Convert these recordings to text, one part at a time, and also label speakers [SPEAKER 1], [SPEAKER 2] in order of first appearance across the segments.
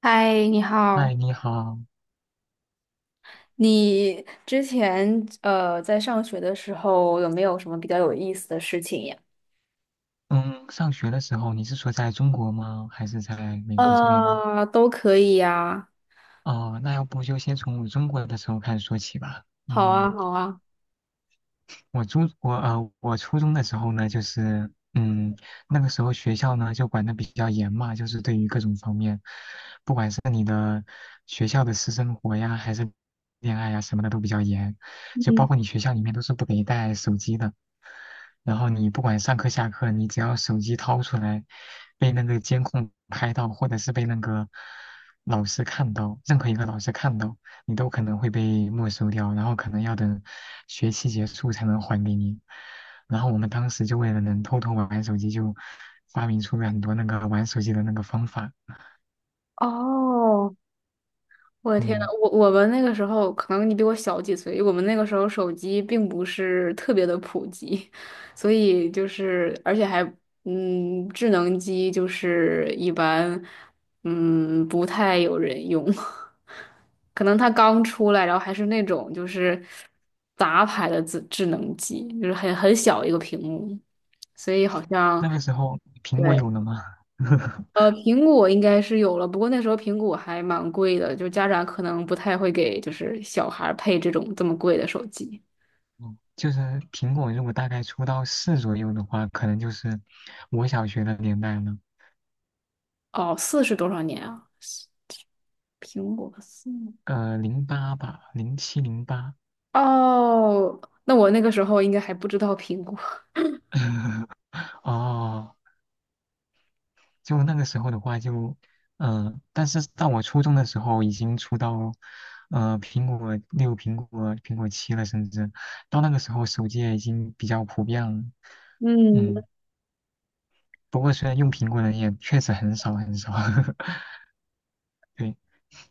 [SPEAKER 1] 嗨，你
[SPEAKER 2] 嗨，
[SPEAKER 1] 好。
[SPEAKER 2] 你好。
[SPEAKER 1] 你之前在上学的时候有没有什么比较有意思的事情呀？
[SPEAKER 2] 嗯，上学的时候你是说在中国吗？还是在美国这边呢？
[SPEAKER 1] 都可以呀。
[SPEAKER 2] 哦，那要不就先从我中国的时候开始说起吧。
[SPEAKER 1] 好啊，
[SPEAKER 2] 嗯，
[SPEAKER 1] 好啊。
[SPEAKER 2] 我初中的时候呢，就是那个时候学校呢就管的比较严嘛，就是对于各种方面，不管是你的学校的私生活呀，还是恋爱呀什么的都比较严，就包
[SPEAKER 1] 嗯。
[SPEAKER 2] 括你学校里面都是不给带手机的。然后你不管上课下课，你只要手机掏出来，被那个监控拍到，或者是被那个老师看到，任何一个老师看到，你都可能会被没收掉，然后可能要等学期结束才能还给你。然后我们当时就为了能偷偷玩玩手机，就发明出了很多那个玩手机的那个方法。
[SPEAKER 1] 哦，我的天呐，
[SPEAKER 2] 嗯，
[SPEAKER 1] 我们那个时候，可能你比我小几岁，我们那个时候手机并不是特别的普及，所以就是而且还智能机就是一般不太有人用。可能它刚出来，然后还是那种就是杂牌的智能机，就是很小一个屏幕，所以好像。
[SPEAKER 2] 那个时候苹果
[SPEAKER 1] 对。
[SPEAKER 2] 有了吗？
[SPEAKER 1] 苹果应该是有了，不过那时候苹果还蛮贵的，就家长可能不太会给就是小孩儿配这种这么贵的手机。
[SPEAKER 2] 嗯就是苹果如果大概出到四左右的话，可能就是我小学的年代了，
[SPEAKER 1] 哦，四是多少年啊？苹果四。
[SPEAKER 2] 零八吧，零七零八。
[SPEAKER 1] 哦，那我那个时候应该还不知道苹果。
[SPEAKER 2] 哦，就那个时候的话就，但是到我初中的时候已经出到，苹果六、苹果七了，甚至到那个时候手机也已经比较普遍了。
[SPEAKER 1] 嗯，
[SPEAKER 2] 嗯，不过虽然用苹果的人也确实很少很少，对，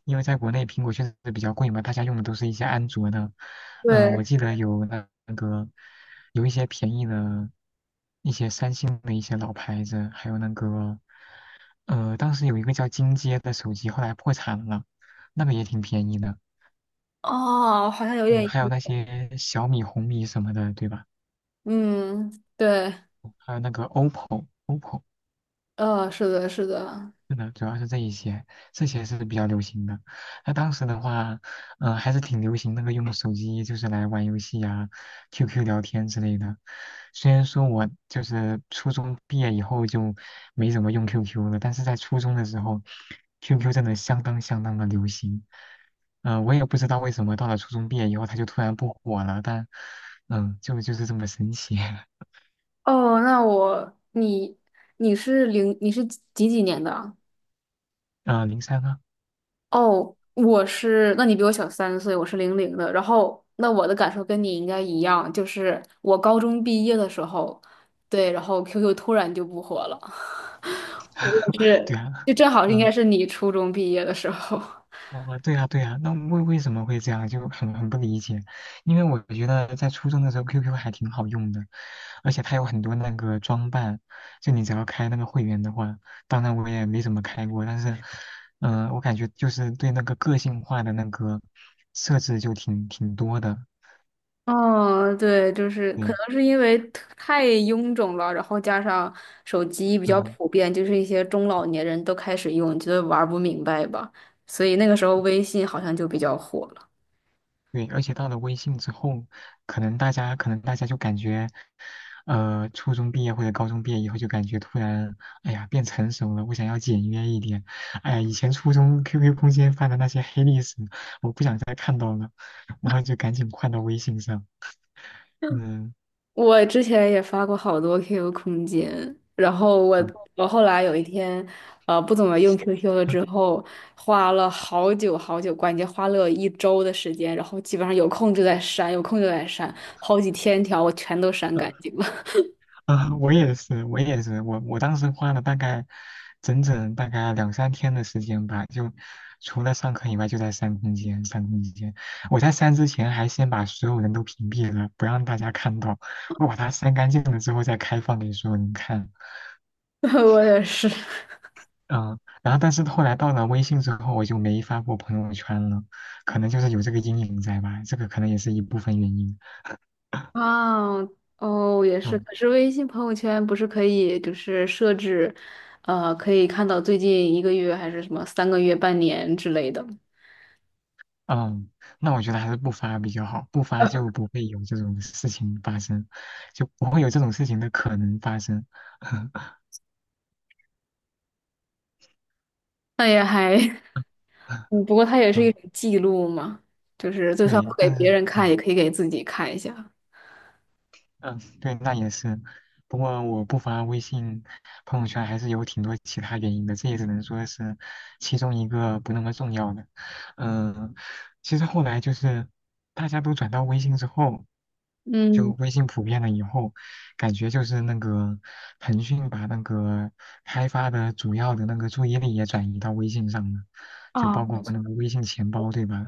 [SPEAKER 2] 因为在国内苹果确实比较贵嘛，大家用的都是一些安卓的。嗯，我
[SPEAKER 1] 对。
[SPEAKER 2] 记得有那个有一些便宜的新的一些老牌子，还有那个。当时有一个叫金街的手机，后来破产了，那个也挺便宜的。
[SPEAKER 1] 哦，好像有
[SPEAKER 2] 嗯，
[SPEAKER 1] 点。
[SPEAKER 2] 还有那些小米、红米什么的，对吧？
[SPEAKER 1] 嗯，对。
[SPEAKER 2] 还有那个 OPPO，OPPO，
[SPEAKER 1] 是的，是的。
[SPEAKER 2] 是的，主要是这一些，这些是比较流行的。那当时的话，还是挺流行那个用手机就是来玩游戏啊、QQ 聊天之类的。虽然说我就是初中毕业以后就没怎么用 QQ 了，但是在初中的时候，QQ 真的相当相当的流行。我也不知道为什么到了初中毕业以后，它就突然不火了，但就是这么神奇。
[SPEAKER 1] 哦，那我，你，你是零，你是几年的啊？
[SPEAKER 2] 嗯、零三啊，
[SPEAKER 1] 哦，那你比我小3岁，我是零零的。然后，那我的感受跟你应该一样，就是我高中毕业的时候，对，然后 QQ 突然就不火了。我也
[SPEAKER 2] 对
[SPEAKER 1] 是，
[SPEAKER 2] 啊，
[SPEAKER 1] 就正好应该
[SPEAKER 2] 嗯、
[SPEAKER 1] 是你初中毕业的时候。
[SPEAKER 2] 哦，对呀，对呀，那为什么会这样，就很不理解。因为我觉得在初中的时候，QQ 还挺好用的，而且它有很多那个装扮，就你只要开那个会员的话，当然我也没怎么开过，但是，我感觉就是对那个个性化的那个设置就挺多的。
[SPEAKER 1] 嗯，对，就是可
[SPEAKER 2] 对，
[SPEAKER 1] 能是因为太臃肿了，然后加上手机比较
[SPEAKER 2] 嗯、
[SPEAKER 1] 普遍，就是一些中老年人都开始用，觉得玩不明白吧，所以那个时候微信好像就比较火了。
[SPEAKER 2] 对，而且到了微信之后，可能大家就感觉，初中毕业或者高中毕业以后，就感觉突然，哎呀，变成熟了，我想要简约一点。哎呀，以前初中 QQ 空间发的那些黑历史，我不想再看到了，然后就赶紧换到微信上。嗯，
[SPEAKER 1] 我之前也发过好多 QQ 空间，然后我
[SPEAKER 2] 嗯
[SPEAKER 1] 我后来有一天，不怎么用 QQ 了之后，花了好久好久，关键花了一周的时间，然后基本上有空就在删，有空就在删，好几千条我全都删干 净了。
[SPEAKER 2] 啊，我也是，我也是，我当时花了大概整整大概两三天的时间吧，就除了上课以外，就在删空间，删空间。我在删之前还先把所有人都屏蔽了，不让大家看到。我把它删干净了之后再开放给所有人看。
[SPEAKER 1] 我也是。
[SPEAKER 2] 嗯，然后但是后来到了微信之后，我就没发过朋友圈了，可能就是有这个阴影在吧，这个可能也是一部分原因。
[SPEAKER 1] 啊，哦，也是。
[SPEAKER 2] 嗯
[SPEAKER 1] 可是微信朋友圈不是可以就是设置，可以看到最近一个月还是什么3个月、半年之类的。
[SPEAKER 2] 嗯，那我觉得还是不发比较好，不发就不会有这种事情发生，就不会有这种事情的可能发生。
[SPEAKER 1] 那也还。嗯，不过它也是一
[SPEAKER 2] 嗯，
[SPEAKER 1] 种记录嘛，就是就算不
[SPEAKER 2] 对，
[SPEAKER 1] 给
[SPEAKER 2] 但是
[SPEAKER 1] 别人看，
[SPEAKER 2] 嗯。
[SPEAKER 1] 也可以给自己看一下。
[SPEAKER 2] 嗯，对，那也是。不过我不发微信朋友圈还是有挺多其他原因的，这也只能说是其中一个不那么重要的。嗯，其实后来就是大家都转到微信之后，就
[SPEAKER 1] 嗯。
[SPEAKER 2] 微信普遍了以后，感觉就是那个腾讯把那个开发的主要的那个注意力也转移到微信上了，就
[SPEAKER 1] 啊，
[SPEAKER 2] 包
[SPEAKER 1] 没
[SPEAKER 2] 括
[SPEAKER 1] 错。
[SPEAKER 2] 那个微信钱包，对吧？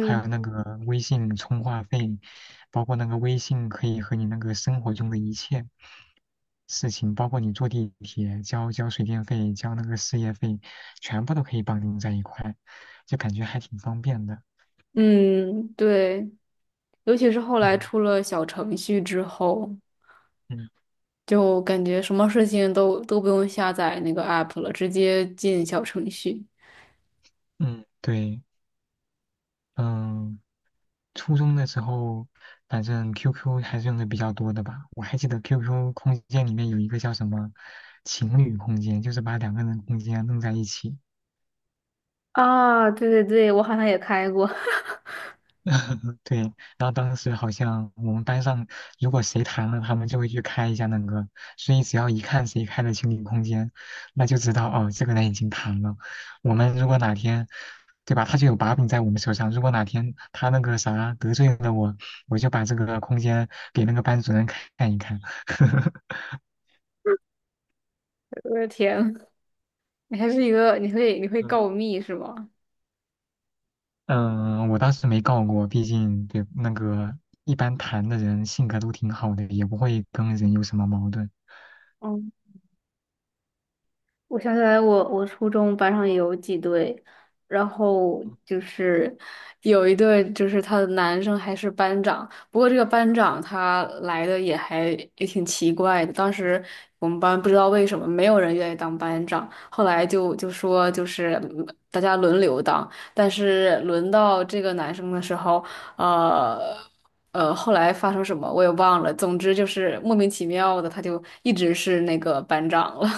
[SPEAKER 2] 还有那个微信充话费，包括那个微信可以和你那个生活中的一切事情，包括你坐地铁、交水电费、交那个事业费，全部都可以绑定在一块，就感觉还挺方便的。
[SPEAKER 1] 嗯，对，尤其是后来出
[SPEAKER 2] 嗯
[SPEAKER 1] 了小程序之后，
[SPEAKER 2] 嗯
[SPEAKER 1] 就感觉什么事情都不用下载那个 app 了，直接进小程序。
[SPEAKER 2] 嗯，对，嗯，初中的时候，反正 QQ 还是用的比较多的吧。我还记得 QQ 空间里面有一个叫什么情侣空间，就是把两个人空间弄在一起。
[SPEAKER 1] 啊，对对对，我好像也开过。
[SPEAKER 2] 对，然后当时好像我们班上，如果谁谈了，他们就会去开一下那个，所以只要一看谁开了情侣空间，那就知道哦，这个人已经谈了。我们如果哪天，对吧，他就有把柄在我们手上。如果哪天他那个啥得罪了我，我就把这个空间给那个班主任看一看。
[SPEAKER 1] 我的天，你还是一个，你会告密是吗？
[SPEAKER 2] 嗯，我当时没告过，毕竟对那个一般谈的人性格都挺好的，也不会跟人有什么矛盾。
[SPEAKER 1] 我想起来我初中班上也有几对，然后就是有一对，就是他的男生还是班长。不过这个班长他来的也挺奇怪的。当时我们班不知道为什么没有人愿意当班长，后来就说就是大家轮流当，但是轮到这个男生的时候，呃后来发生什么我也忘了。总之就是莫名其妙的，他就一直是那个班长了。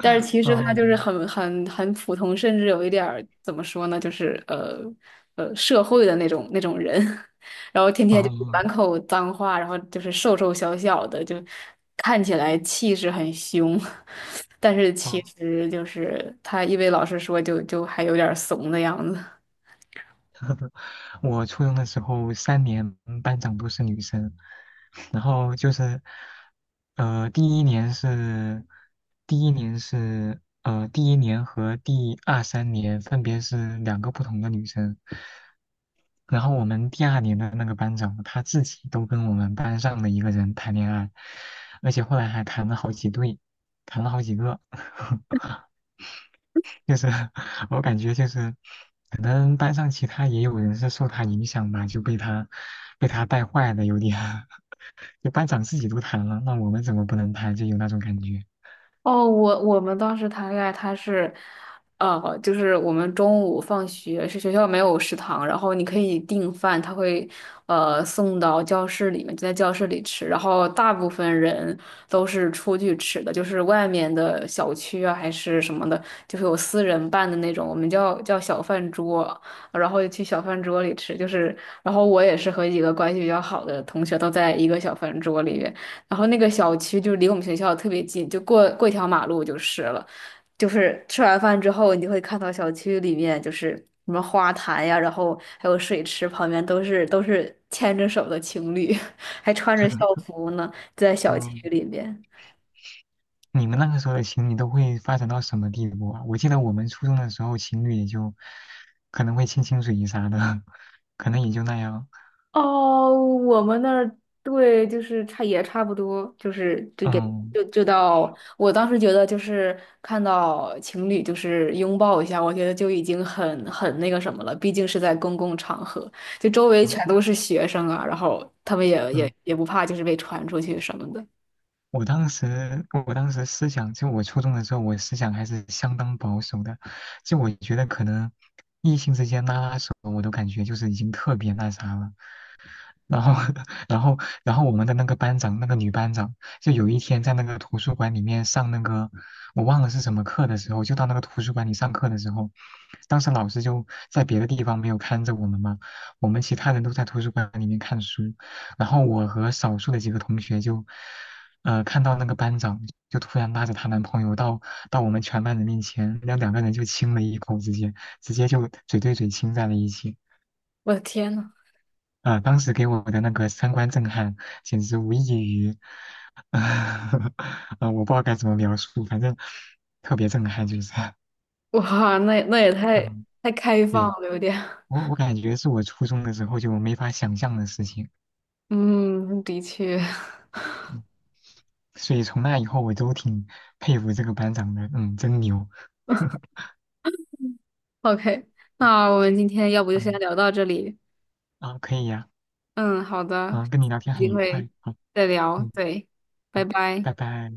[SPEAKER 1] 但是其实他就是
[SPEAKER 2] 嗯，
[SPEAKER 1] 很普通，甚至有一点儿怎么说呢，就是社会的那种人，然后天天就是
[SPEAKER 2] 哦
[SPEAKER 1] 满口脏话，然后就是瘦瘦小小的，就看起来气势很凶。但是其
[SPEAKER 2] 哦，
[SPEAKER 1] 实就是他一为老师说就还有点儿怂的样子。
[SPEAKER 2] 我初中的时候3年班长都是女生，然后就是，呃，第一年是，第一年和第二三年分别是两个不同的女生，然后我们第二年的那个班长他自己都跟我们班上的一个人谈恋爱，而且后来还谈了好几对，谈了好几个。就是 我感觉就是可能班上其他也有人是受他影响吧，就被他带坏的有点，就班长自己都谈了，那我们怎么不能谈？就有那种感觉。
[SPEAKER 1] 哦，我们当时谈恋爱，就是我们中午放学是学校没有食堂，然后你可以订饭，他会送到教室里面，就在教室里吃。然后大部分人都是出去吃的，就是外面的小区啊，还是什么的，就是有私人办的那种，我们叫小饭桌，然后就去小饭桌里吃。就是，然后我也是和几个关系比较好的同学都在一个小饭桌里面。然后那个小区就离我们学校特别近，就过一条马路就是了。就是吃完饭之后，你就会看到小区里面就是什么花坛呀，然后还有水池旁边都是牵着手的情侣，还穿着校 服呢，在小
[SPEAKER 2] 嗯，
[SPEAKER 1] 区里面。
[SPEAKER 2] 你们那个时候的情侣都会发展到什么地步啊？我记得我们初中的时候，情侣也就可能会亲亲嘴啥的，可能也就那样。
[SPEAKER 1] 哦，我们那儿对，就是差也差不多，就是就也
[SPEAKER 2] 嗯
[SPEAKER 1] 就就到我当时觉得就是看到情侣就是拥抱一下，我觉得就已经很那个什么了，毕竟是在公共场合，就周围
[SPEAKER 2] 嗯
[SPEAKER 1] 全都是学生啊，然后他们也也
[SPEAKER 2] 嗯，
[SPEAKER 1] 也不怕就是被传出去什么的。
[SPEAKER 2] 我当时思想，就我初中的时候，我思想还是相当保守的。就我觉得可能异性之间拉拉手，我都感觉就是已经特别那啥了。然后，然后，然后我们的那个班长，那个女班长，就有一天在那个图书馆里面上那个，我忘了是什么课的时候，就到那个图书馆里上课的时候，当时老师就在别的地方没有看着我们嘛，我们其他人都在图书馆里面看书，然后我和少数的几个同学就，看到那个班长就突然拉着她男朋友到我们全班人面前，那两个人就亲了一口，直接就嘴对嘴亲在了一起。
[SPEAKER 1] 我的天呐，
[SPEAKER 2] 啊、当时给我的那个三观震撼，简直无异于，啊、我不知道该怎么描述，反正特别震撼，就是，
[SPEAKER 1] 哇，那也太
[SPEAKER 2] 嗯，
[SPEAKER 1] 太开放
[SPEAKER 2] 对，
[SPEAKER 1] 了，有点。
[SPEAKER 2] 我感觉是我初中的时候就没法想象的事情，
[SPEAKER 1] 嗯，的确。
[SPEAKER 2] 嗯所以从那以后我都挺佩服这个班长的，真牛，
[SPEAKER 1] ，OK，那我们今天要不就先
[SPEAKER 2] 嗯，
[SPEAKER 1] 聊到这里。
[SPEAKER 2] 啊，可以呀、
[SPEAKER 1] 嗯，好的，
[SPEAKER 2] 啊，跟你聊天
[SPEAKER 1] 有
[SPEAKER 2] 很
[SPEAKER 1] 机
[SPEAKER 2] 愉
[SPEAKER 1] 会
[SPEAKER 2] 快，好，
[SPEAKER 1] 再聊，
[SPEAKER 2] 嗯，
[SPEAKER 1] 对，拜
[SPEAKER 2] 好，
[SPEAKER 1] 拜。
[SPEAKER 2] 拜拜。